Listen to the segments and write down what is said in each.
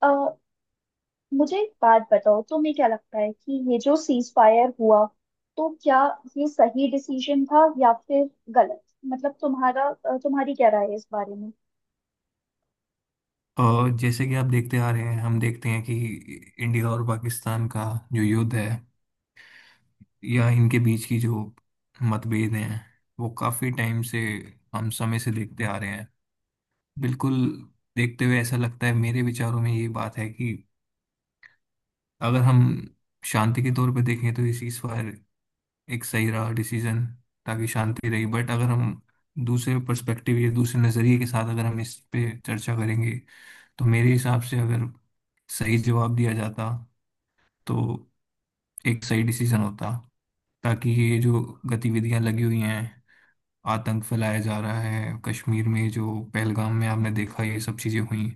अ, मुझे एक बात बताओ। तुम्हें क्या लगता है कि ये जो सीज फायर हुआ तो क्या ये सही डिसीजन था या फिर गलत? मतलब तुम्हारा तुम्हारी क्या राय है इस बारे में? और जैसे कि आप देखते आ रहे हैं, हम देखते हैं कि इंडिया और पाकिस्तान का जो युद्ध है या इनके बीच की जो मतभेद हैं, वो काफी टाइम से, हम समय से देखते आ रहे हैं। बिल्कुल। देखते हुए ऐसा लगता है, मेरे विचारों में ये बात है कि अगर हम शांति के तौर पर देखें तो ये सीज फायर एक सही रहा डिसीजन, ताकि शांति रही। बट अगर हम दूसरे पर्सपेक्टिव या दूसरे नजरिए के साथ अगर हम इस पे चर्चा करेंगे, तो मेरे हिसाब से अगर सही जवाब दिया जाता तो एक सही डिसीजन होता, ताकि ये जो गतिविधियां लगी हुई हैं, आतंक फैलाया जा रहा है कश्मीर में, जो पहलगाम में आपने देखा ये सब चीजें हुई,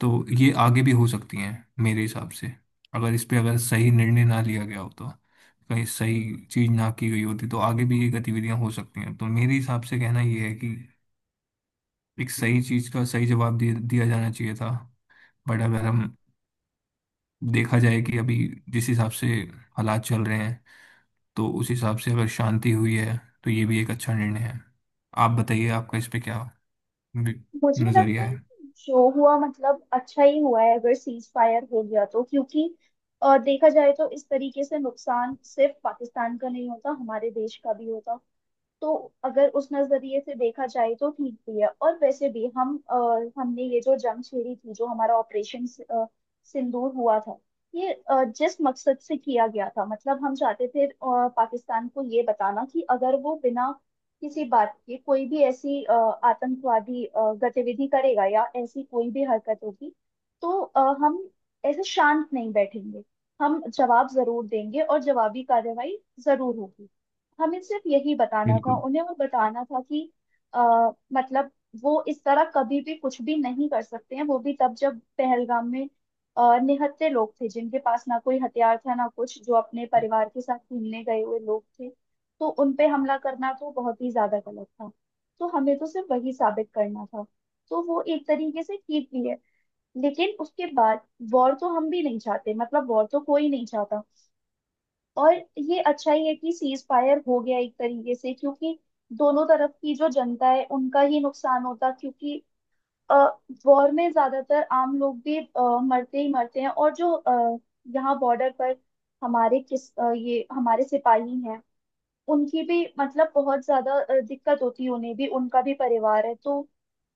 तो ये आगे भी हो सकती हैं। मेरे हिसाब से अगर इस पे अगर सही निर्णय ना लिया गया होता, कहीं सही चीज ना की गई होती तो आगे भी ये गतिविधियां हो सकती हैं। तो मेरे हिसाब से कहना ये है कि एक सही चीज का सही जवाब दिया जाना चाहिए था। बट अगर हम देखा जाए कि अभी जिस हिसाब से हालात चल रहे हैं, तो उस हिसाब से अगर शांति हुई है तो ये भी एक अच्छा निर्णय है। आप बताइए, आपका इस पे क्या वि- मुझे लगता नजरिया है है? कि जो हुआ मतलब अच्छा ही हुआ है अगर सीज फायर हो गया तो, क्योंकि देखा जाए तो इस तरीके से नुकसान सिर्फ पाकिस्तान का नहीं होता, हमारे देश का भी होता। तो अगर उस नजरिए से देखा जाए तो ठीक भी है। और वैसे भी हमने ये जो जंग छेड़ी थी, जो हमारा ऑपरेशन सिंदूर हुआ था, ये जिस मकसद से किया गया था, मतलब हम चाहते थे पाकिस्तान को ये बताना कि अगर वो बिना किसी बात के कोई भी ऐसी आतंकवादी गतिविधि करेगा या ऐसी कोई भी हरकत होगी तो हम ऐसे शांत नहीं बैठेंगे। हम जवाब जरूर देंगे और जवाबी कार्रवाई जरूर होगी। हमें सिर्फ यही बताना था, बिल्कुल, उन्हें वो बताना था कि आ, मतलब वो इस तरह कभी भी कुछ भी नहीं कर सकते हैं। वो भी तब जब पहलगाम में निहत्थे लोग थे, जिनके पास ना कोई हथियार था ना कुछ, जो अपने परिवार के साथ घूमने गए हुए लोग थे। तो उन पे हमला करना तो बहुत ही ज्यादा गलत था। तो हमें तो सिर्फ वही साबित करना था। तो वो एक तरीके से ठीक भी है। लेकिन उसके बाद वॉर तो हम भी नहीं चाहते, मतलब वॉर तो कोई नहीं चाहता। और ये अच्छा ही है कि सीज फायर हो गया एक तरीके से, क्योंकि दोनों तरफ की जो जनता है उनका ही नुकसान होता। क्योंकि वॉर में ज्यादातर आम लोग भी मरते ही मरते हैं। और जो यहाँ बॉर्डर पर हमारे ये हमारे सिपाही हैं, उनकी भी मतलब बहुत ज्यादा दिक्कत होती है। उन्हें भी, उनका भी परिवार है। तो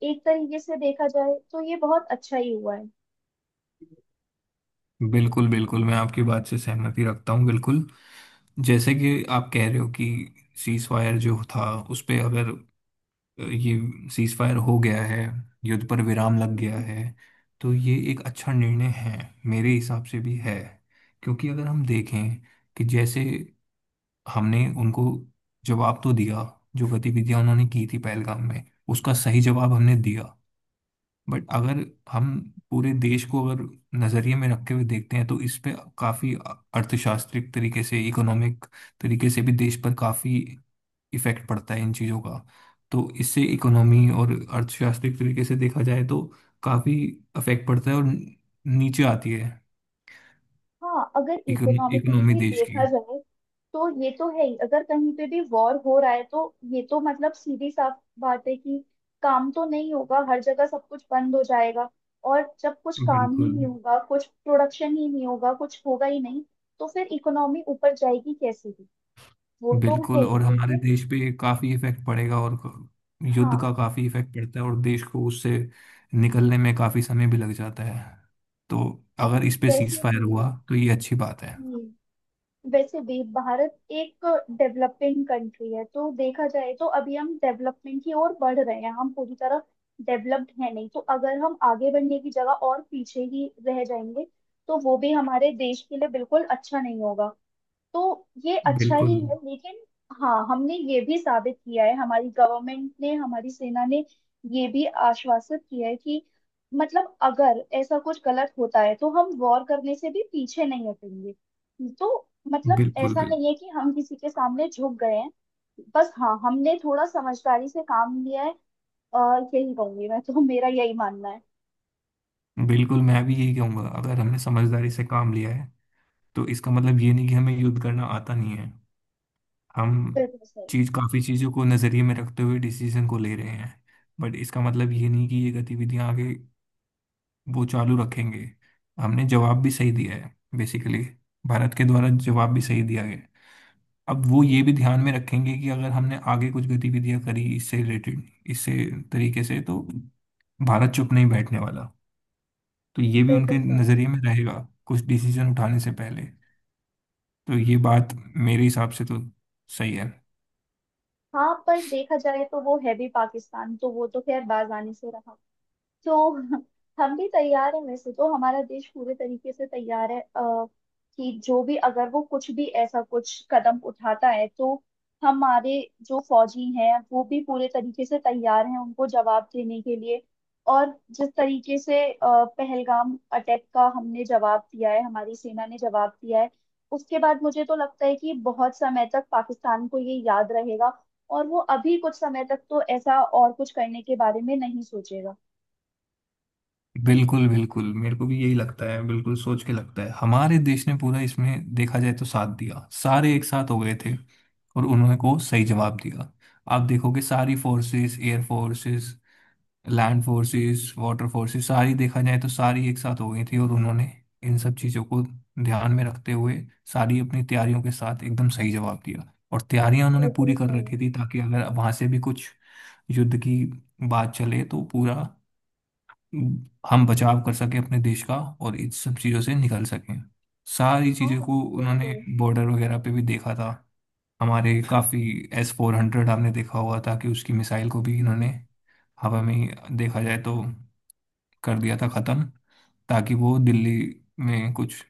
एक तरीके से देखा जाए तो ये बहुत अच्छा ही हुआ बिल्कुल। बिल्कुल, मैं आपकी बात से सहमति रखता हूँ। बिल्कुल, जैसे कि आप कह रहे हो कि सीज फायर जो था उस पे अगर, ये सीज फायर हो गया है, युद्ध पर विराम लग गया है। है, तो ये एक अच्छा निर्णय है। मेरे हिसाब से भी है, क्योंकि अगर हम देखें कि जैसे हमने उनको जवाब तो दिया, जो गतिविधियां उन्होंने की थी पहलगाम में उसका सही जवाब हमने दिया। बट अगर हम पूरे देश को अगर नजरिए में रखते हुए देखते हैं, तो इस पे काफी अर्थशास्त्रिक तरीके से, इकोनॉमिक तरीके से भी देश पर काफी इफेक्ट पड़ता है इन चीजों का। तो इससे इकोनॉमी और अर्थशास्त्रिक तरीके से देखा जाए तो काफी इफेक्ट पड़ता है, और नीचे आती है हाँ, अगर इकोनॉमिकली इकोनॉमी भी देश की। देखा जाए तो ये तो है ही। अगर कहीं पे भी वॉर हो रहा है तो ये तो मतलब सीधी साफ बात है कि काम तो नहीं होगा, हर जगह सब कुछ बंद हो जाएगा। और जब कुछ काम ही बिल्कुल। नहीं होगा, कुछ प्रोडक्शन ही नहीं होगा, कुछ होगा ही नहीं, तो फिर इकोनॉमी ऊपर जाएगी कैसे भी? वो तो है बिल्कुल, ही, और हमारे लेकिन देश पे काफी इफेक्ट पड़ेगा और युद्ध हाँ। का काफी इफेक्ट पड़ता है, और देश को उससे निकलने में काफी समय भी लग जाता है। तो और अगर इस पे वैसे सीज फायर हुआ तो ये अच्छी बात है। भी वैसे भी भारत एक डेवलपिंग कंट्री है। तो देखा जाए तो अभी हम डेवलपमेंट की ओर बढ़ रहे हैं, हम पूरी तरह डेवलप्ड है नहीं। तो अगर हम आगे बढ़ने की जगह और पीछे ही रह जाएंगे तो वो भी हमारे देश के लिए बिल्कुल अच्छा नहीं होगा। तो ये अच्छा ही बिल्कुल। है। लेकिन हाँ, हमने ये भी साबित किया है, हमारी गवर्नमेंट ने हमारी सेना ने ये भी आश्वासित किया है कि मतलब अगर ऐसा कुछ गलत होता है तो हम वॉर करने से भी पीछे नहीं हटेंगे। तो मतलब बिल्कुल। ऐसा बिल्कुल। नहीं है कि हम किसी के सामने झुक गए हैं। बस हाँ, हमने थोड़ा समझदारी से काम लिया है। और यही कहूंगी मैं, तो मेरा यही मानना है। बिल्कुल, मैं भी यही कहूंगा। अगर हमने समझदारी से काम लिया है तो इसका मतलब ये नहीं कि हमें युद्ध करना आता नहीं है। हम बिल्कुल सही। चीज, काफी चीजों को नजरिए में रखते हुए डिसीजन को ले रहे हैं। बट इसका मतलब ये नहीं कि ये गतिविधियां आगे वो चालू रखेंगे। हमने जवाब भी सही दिया है, बेसिकली भारत के द्वारा जवाब भी सही दिया गया है। अब वो ये भी ध्यान में रखेंगे कि अगर हमने आगे कुछ गतिविधियां करी इससे रिलेटेड, इससे तरीके से, तो भारत चुप नहीं बैठने वाला। तो ये भी बिल्कुल उनके सही। नजरिए में रहेगा कुछ डिसीजन उठाने से पहले। तो ये बात मेरे हिसाब से तो सही है। हाँ, पर देखा जाए तो वो है भी पाकिस्तान, तो वो तो खैर बाज आने से रहा। तो हम भी तैयार हैं। वैसे तो हमारा देश पूरे तरीके से तैयार है। कि जो भी अगर वो कुछ भी ऐसा कुछ कदम उठाता है तो हमारे जो फौजी हैं वो भी पूरे तरीके से तैयार हैं उनको जवाब देने के लिए। और जिस तरीके से पहलगाम अटैक का हमने जवाब दिया है, हमारी सेना ने जवाब दिया है, उसके बाद मुझे तो लगता है कि बहुत समय तक पाकिस्तान को ये याद रहेगा। और वो अभी कुछ समय तक तो ऐसा और कुछ करने के बारे में नहीं सोचेगा। बिल्कुल। बिल्कुल, मेरे को भी यही लगता है। बिल्कुल, सोच के लगता है हमारे देश ने पूरा इसमें देखा जाए तो साथ दिया, सारे एक साथ हो गए थे और उन्होंने को सही जवाब दिया। आप देखोगे, सारी forces, air forces, land forces, water forces, सारी, देखा जाए तो सारी एक साथ हो गई थी और उन्होंने इन सब चीज़ों को ध्यान में रखते हुए सारी अपनी तैयारियों के साथ एकदम सही जवाब दिया, और तैयारियां उन्होंने बिल्कुल पूरी कर सही। रखी थी ताकि अगर वहां से भी कुछ युद्ध की बात चले तो पूरा हम बचाव कर सकें अपने देश का और इन सब चीज़ों से निकल सकें। सारी हाँ, चीज़ों को उन्होंने बिल्कुल। बॉर्डर वगैरह पे भी देखा था। हमारे काफ़ी S-400, आपने देखा हुआ था कि उसकी मिसाइल को भी इन्होंने हम्म। हवा में ही, देखा जाए तो, कर दिया था ख़त्म, ताकि वो दिल्ली में कुछ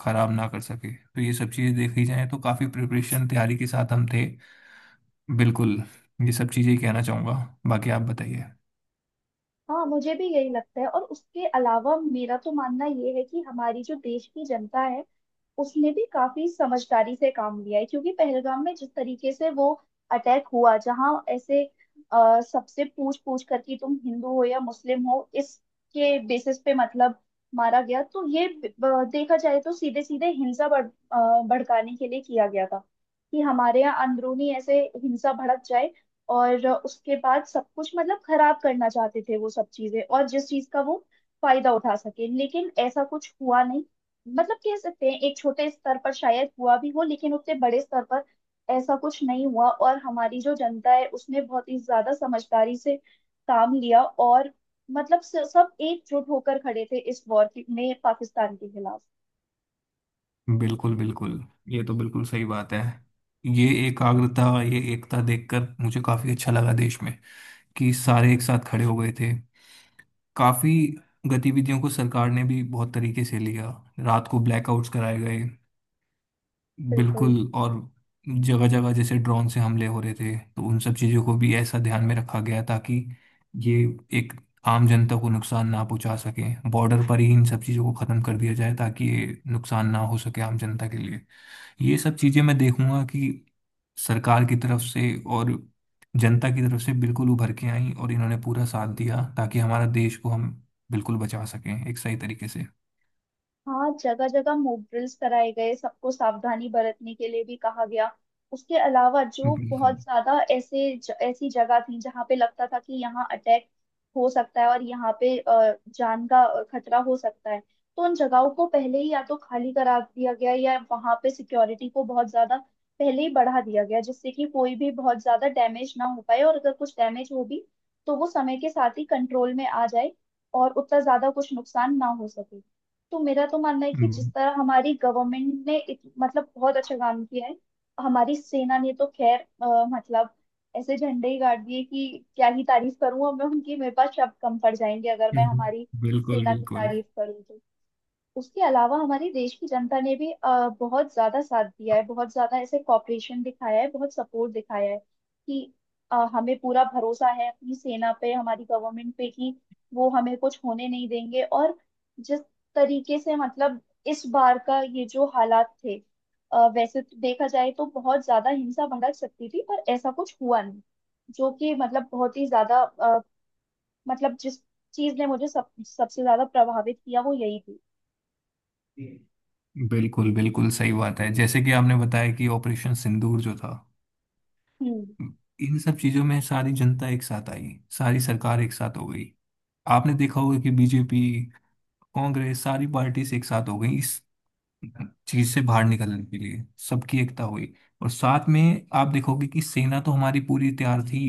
खराब ना कर सके। तो ये सब चीज़ें देखी जाए तो काफ़ी प्रिपरेशन, तैयारी के साथ हम थे। बिल्कुल। ये सब चीज़ें ही कहना चाहूँगा। बाकी आप बताइए। हाँ, मुझे भी यही लगता है। और उसके अलावा मेरा तो मानना ये है कि हमारी जो देश की जनता है उसने भी काफी समझदारी से काम लिया है। क्योंकि पहलगाम में जिस तरीके से वो अटैक हुआ, जहां ऐसे सबसे पूछ पूछ कर कि तुम हिंदू हो या मुस्लिम हो, इसके बेसिस पे मतलब मारा गया, तो ये देखा जाए तो सीधे सीधे हिंसा अ, भड़काने के लिए किया गया था कि हमारे यहाँ अंदरूनी ऐसे हिंसा भड़क जाए। और उसके बाद सब कुछ मतलब खराब करना चाहते थे वो। सब चीजें और जिस चीज का वो फायदा उठा सके, लेकिन ऐसा कुछ हुआ नहीं। मतलब कह सकते हैं एक छोटे स्तर पर शायद हुआ भी हो, लेकिन उतने बड़े स्तर पर ऐसा कुछ नहीं हुआ। और हमारी जो जनता है उसने बहुत ही ज्यादा समझदारी से काम लिया। और मतलब सब एकजुट होकर खड़े थे इस वॉर में पाकिस्तान के खिलाफ। बिल्कुल, बिल्कुल। ये तो बिल्कुल सही बात है। ये एकाग्रता, ये एकता देखकर मुझे काफी अच्छा लगा देश में, कि सारे एक साथ खड़े हो गए थे। काफी गतिविधियों को सरकार ने भी बहुत तरीके से लिया। रात को ब्लैकआउट्स कराए गए। बिल्कुल। बिल्कुल। और जगह जगह जैसे ड्रोन से हमले हो रहे थे तो उन सब चीजों को भी ऐसा ध्यान में रखा गया, ताकि ये एक आम जनता को नुकसान ना पहुंचा सके। बॉर्डर पर ही इन सब चीजों को खत्म कर दिया जाए ताकि ये नुकसान ना हो सके आम जनता के लिए। ये सब चीजें मैं देखूंगा कि सरकार की तरफ से और जनता की तरफ से बिल्कुल उभर के आई और इन्होंने पूरा साथ दिया, ताकि हमारा देश को हम बिल्कुल बचा सकें एक सही तरीके से। हाँ, जगह जगह मॉक ड्रिल्स कराए गए, सबको सावधानी बरतने के लिए भी कहा गया। उसके अलावा जो बिल्कुल। बहुत ज्यादा ऐसे ऐसी जगह थी जहाँ पे लगता था कि यहाँ अटैक हो सकता है और यहाँ पे जान का खतरा हो सकता है, तो उन जगहों को पहले ही या तो खाली करा दिया गया, या वहां पे सिक्योरिटी को बहुत ज्यादा पहले ही बढ़ा दिया गया, जिससे कि कोई भी बहुत ज्यादा डैमेज ना हो पाए। और अगर कुछ डैमेज हो भी तो वो समय के साथ ही कंट्रोल में आ जाए और उतना ज्यादा कुछ नुकसान ना हो सके। तो मेरा तो मानना है कि हम्म, जिस तरह हमारी गवर्नमेंट ने मतलब बहुत अच्छा काम किया है, हमारी सेना ने तो खैर मतलब ऐसे झंडे ही गाड़ दिए कि क्या ही तारीफ करूं अब मैं उनकी। मेरे पास शब्द कम पड़ जाएंगे अगर मैं हम्म, हमारी बिल्कुल, सेना की बिल्कुल। तारीफ करूं तो। उसके अलावा हमारे देश की जनता ने भी बहुत ज्यादा साथ दिया है, बहुत ज्यादा ऐसे कॉपरेशन दिखाया है, बहुत सपोर्ट दिखाया है कि हमें पूरा भरोसा है अपनी सेना पे, हमारी गवर्नमेंट पे, कि वो हमें कुछ होने नहीं देंगे। और जिस तरीके से मतलब इस बार का ये जो हालात थे, वैसे तो देखा जाए तो बहुत ज्यादा हिंसा भड़क सकती थी, पर ऐसा कुछ हुआ नहीं, जो कि मतलब बहुत ही ज्यादा मतलब जिस चीज ने मुझे सब सबसे ज्यादा प्रभावित किया वो यही थी। बिल्कुल, बिल्कुल सही बात है। जैसे कि आपने बताया कि ऑपरेशन सिंदूर जो था, हम्म। इन सब चीजों में सारी जनता एक साथ आई, सारी सरकार एक साथ हो गई। आपने देखा होगा कि बीजेपी, कांग्रेस, सारी पार्टीज एक साथ हो गई इस चीज से बाहर निकलने के लिए। सबकी एकता हुई। और साथ में आप देखोगे कि सेना तो हमारी पूरी तैयार थी,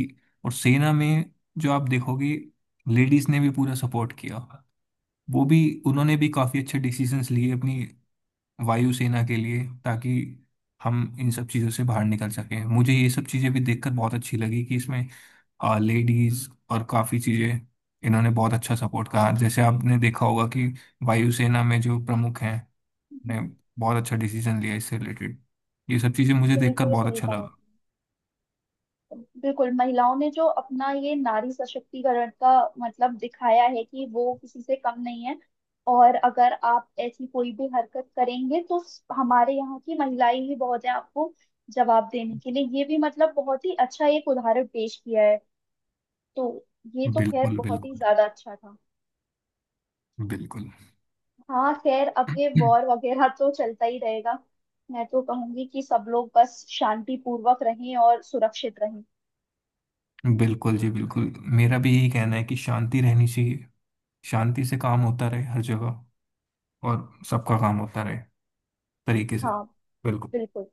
और सेना में जो आप देखोगे लेडीज ने भी पूरा सपोर्ट किया। वो भी, उन्होंने भी काफी अच्छे डिसीजंस लिए अपनी वायुसेना के लिए, ताकि हम इन सब चीजों से बाहर निकल सकें। मुझे ये सब चीजें भी देखकर बहुत अच्छी लगी कि इसमें लेडीज और काफी चीजें इन्होंने बहुत अच्छा सपोर्ट कहा। जैसे आपने देखा होगा कि वायुसेना में जो प्रमुख हैं ने बहुत अच्छा डिसीजन लिया इससे रिलेटेड। ये सब चीज़ें मुझे देखकर बिल्कुल बहुत सही अच्छा कहा लगा। आपने। बिल्कुल, महिलाओं ने जो अपना ये नारी सशक्तिकरण का मतलब दिखाया है कि वो किसी से कम नहीं है, और अगर आप ऐसी कोई भी हरकत करेंगे तो हमारे यहाँ की महिलाएं ही बहुत है आपको जवाब देने के लिए, ये भी मतलब बहुत ही अच्छा एक उदाहरण पेश किया है। तो ये तो खैर बिल्कुल, बहुत ही बिल्कुल, ज्यादा अच्छा था। बिल्कुल। हाँ, खैर अब ये वॉर वगैरह तो चलता ही रहेगा। मैं तो कहूंगी कि सब लोग बस शांति पूर्वक रहें और सुरक्षित रहें। बिल्कुल जी, बिल्कुल। मेरा भी यही कहना है कि शांति रहनी चाहिए, शांति से काम होता रहे हर जगह, और सबका काम होता रहे तरीके से। हाँ, बिल्कुल। बिल्कुल।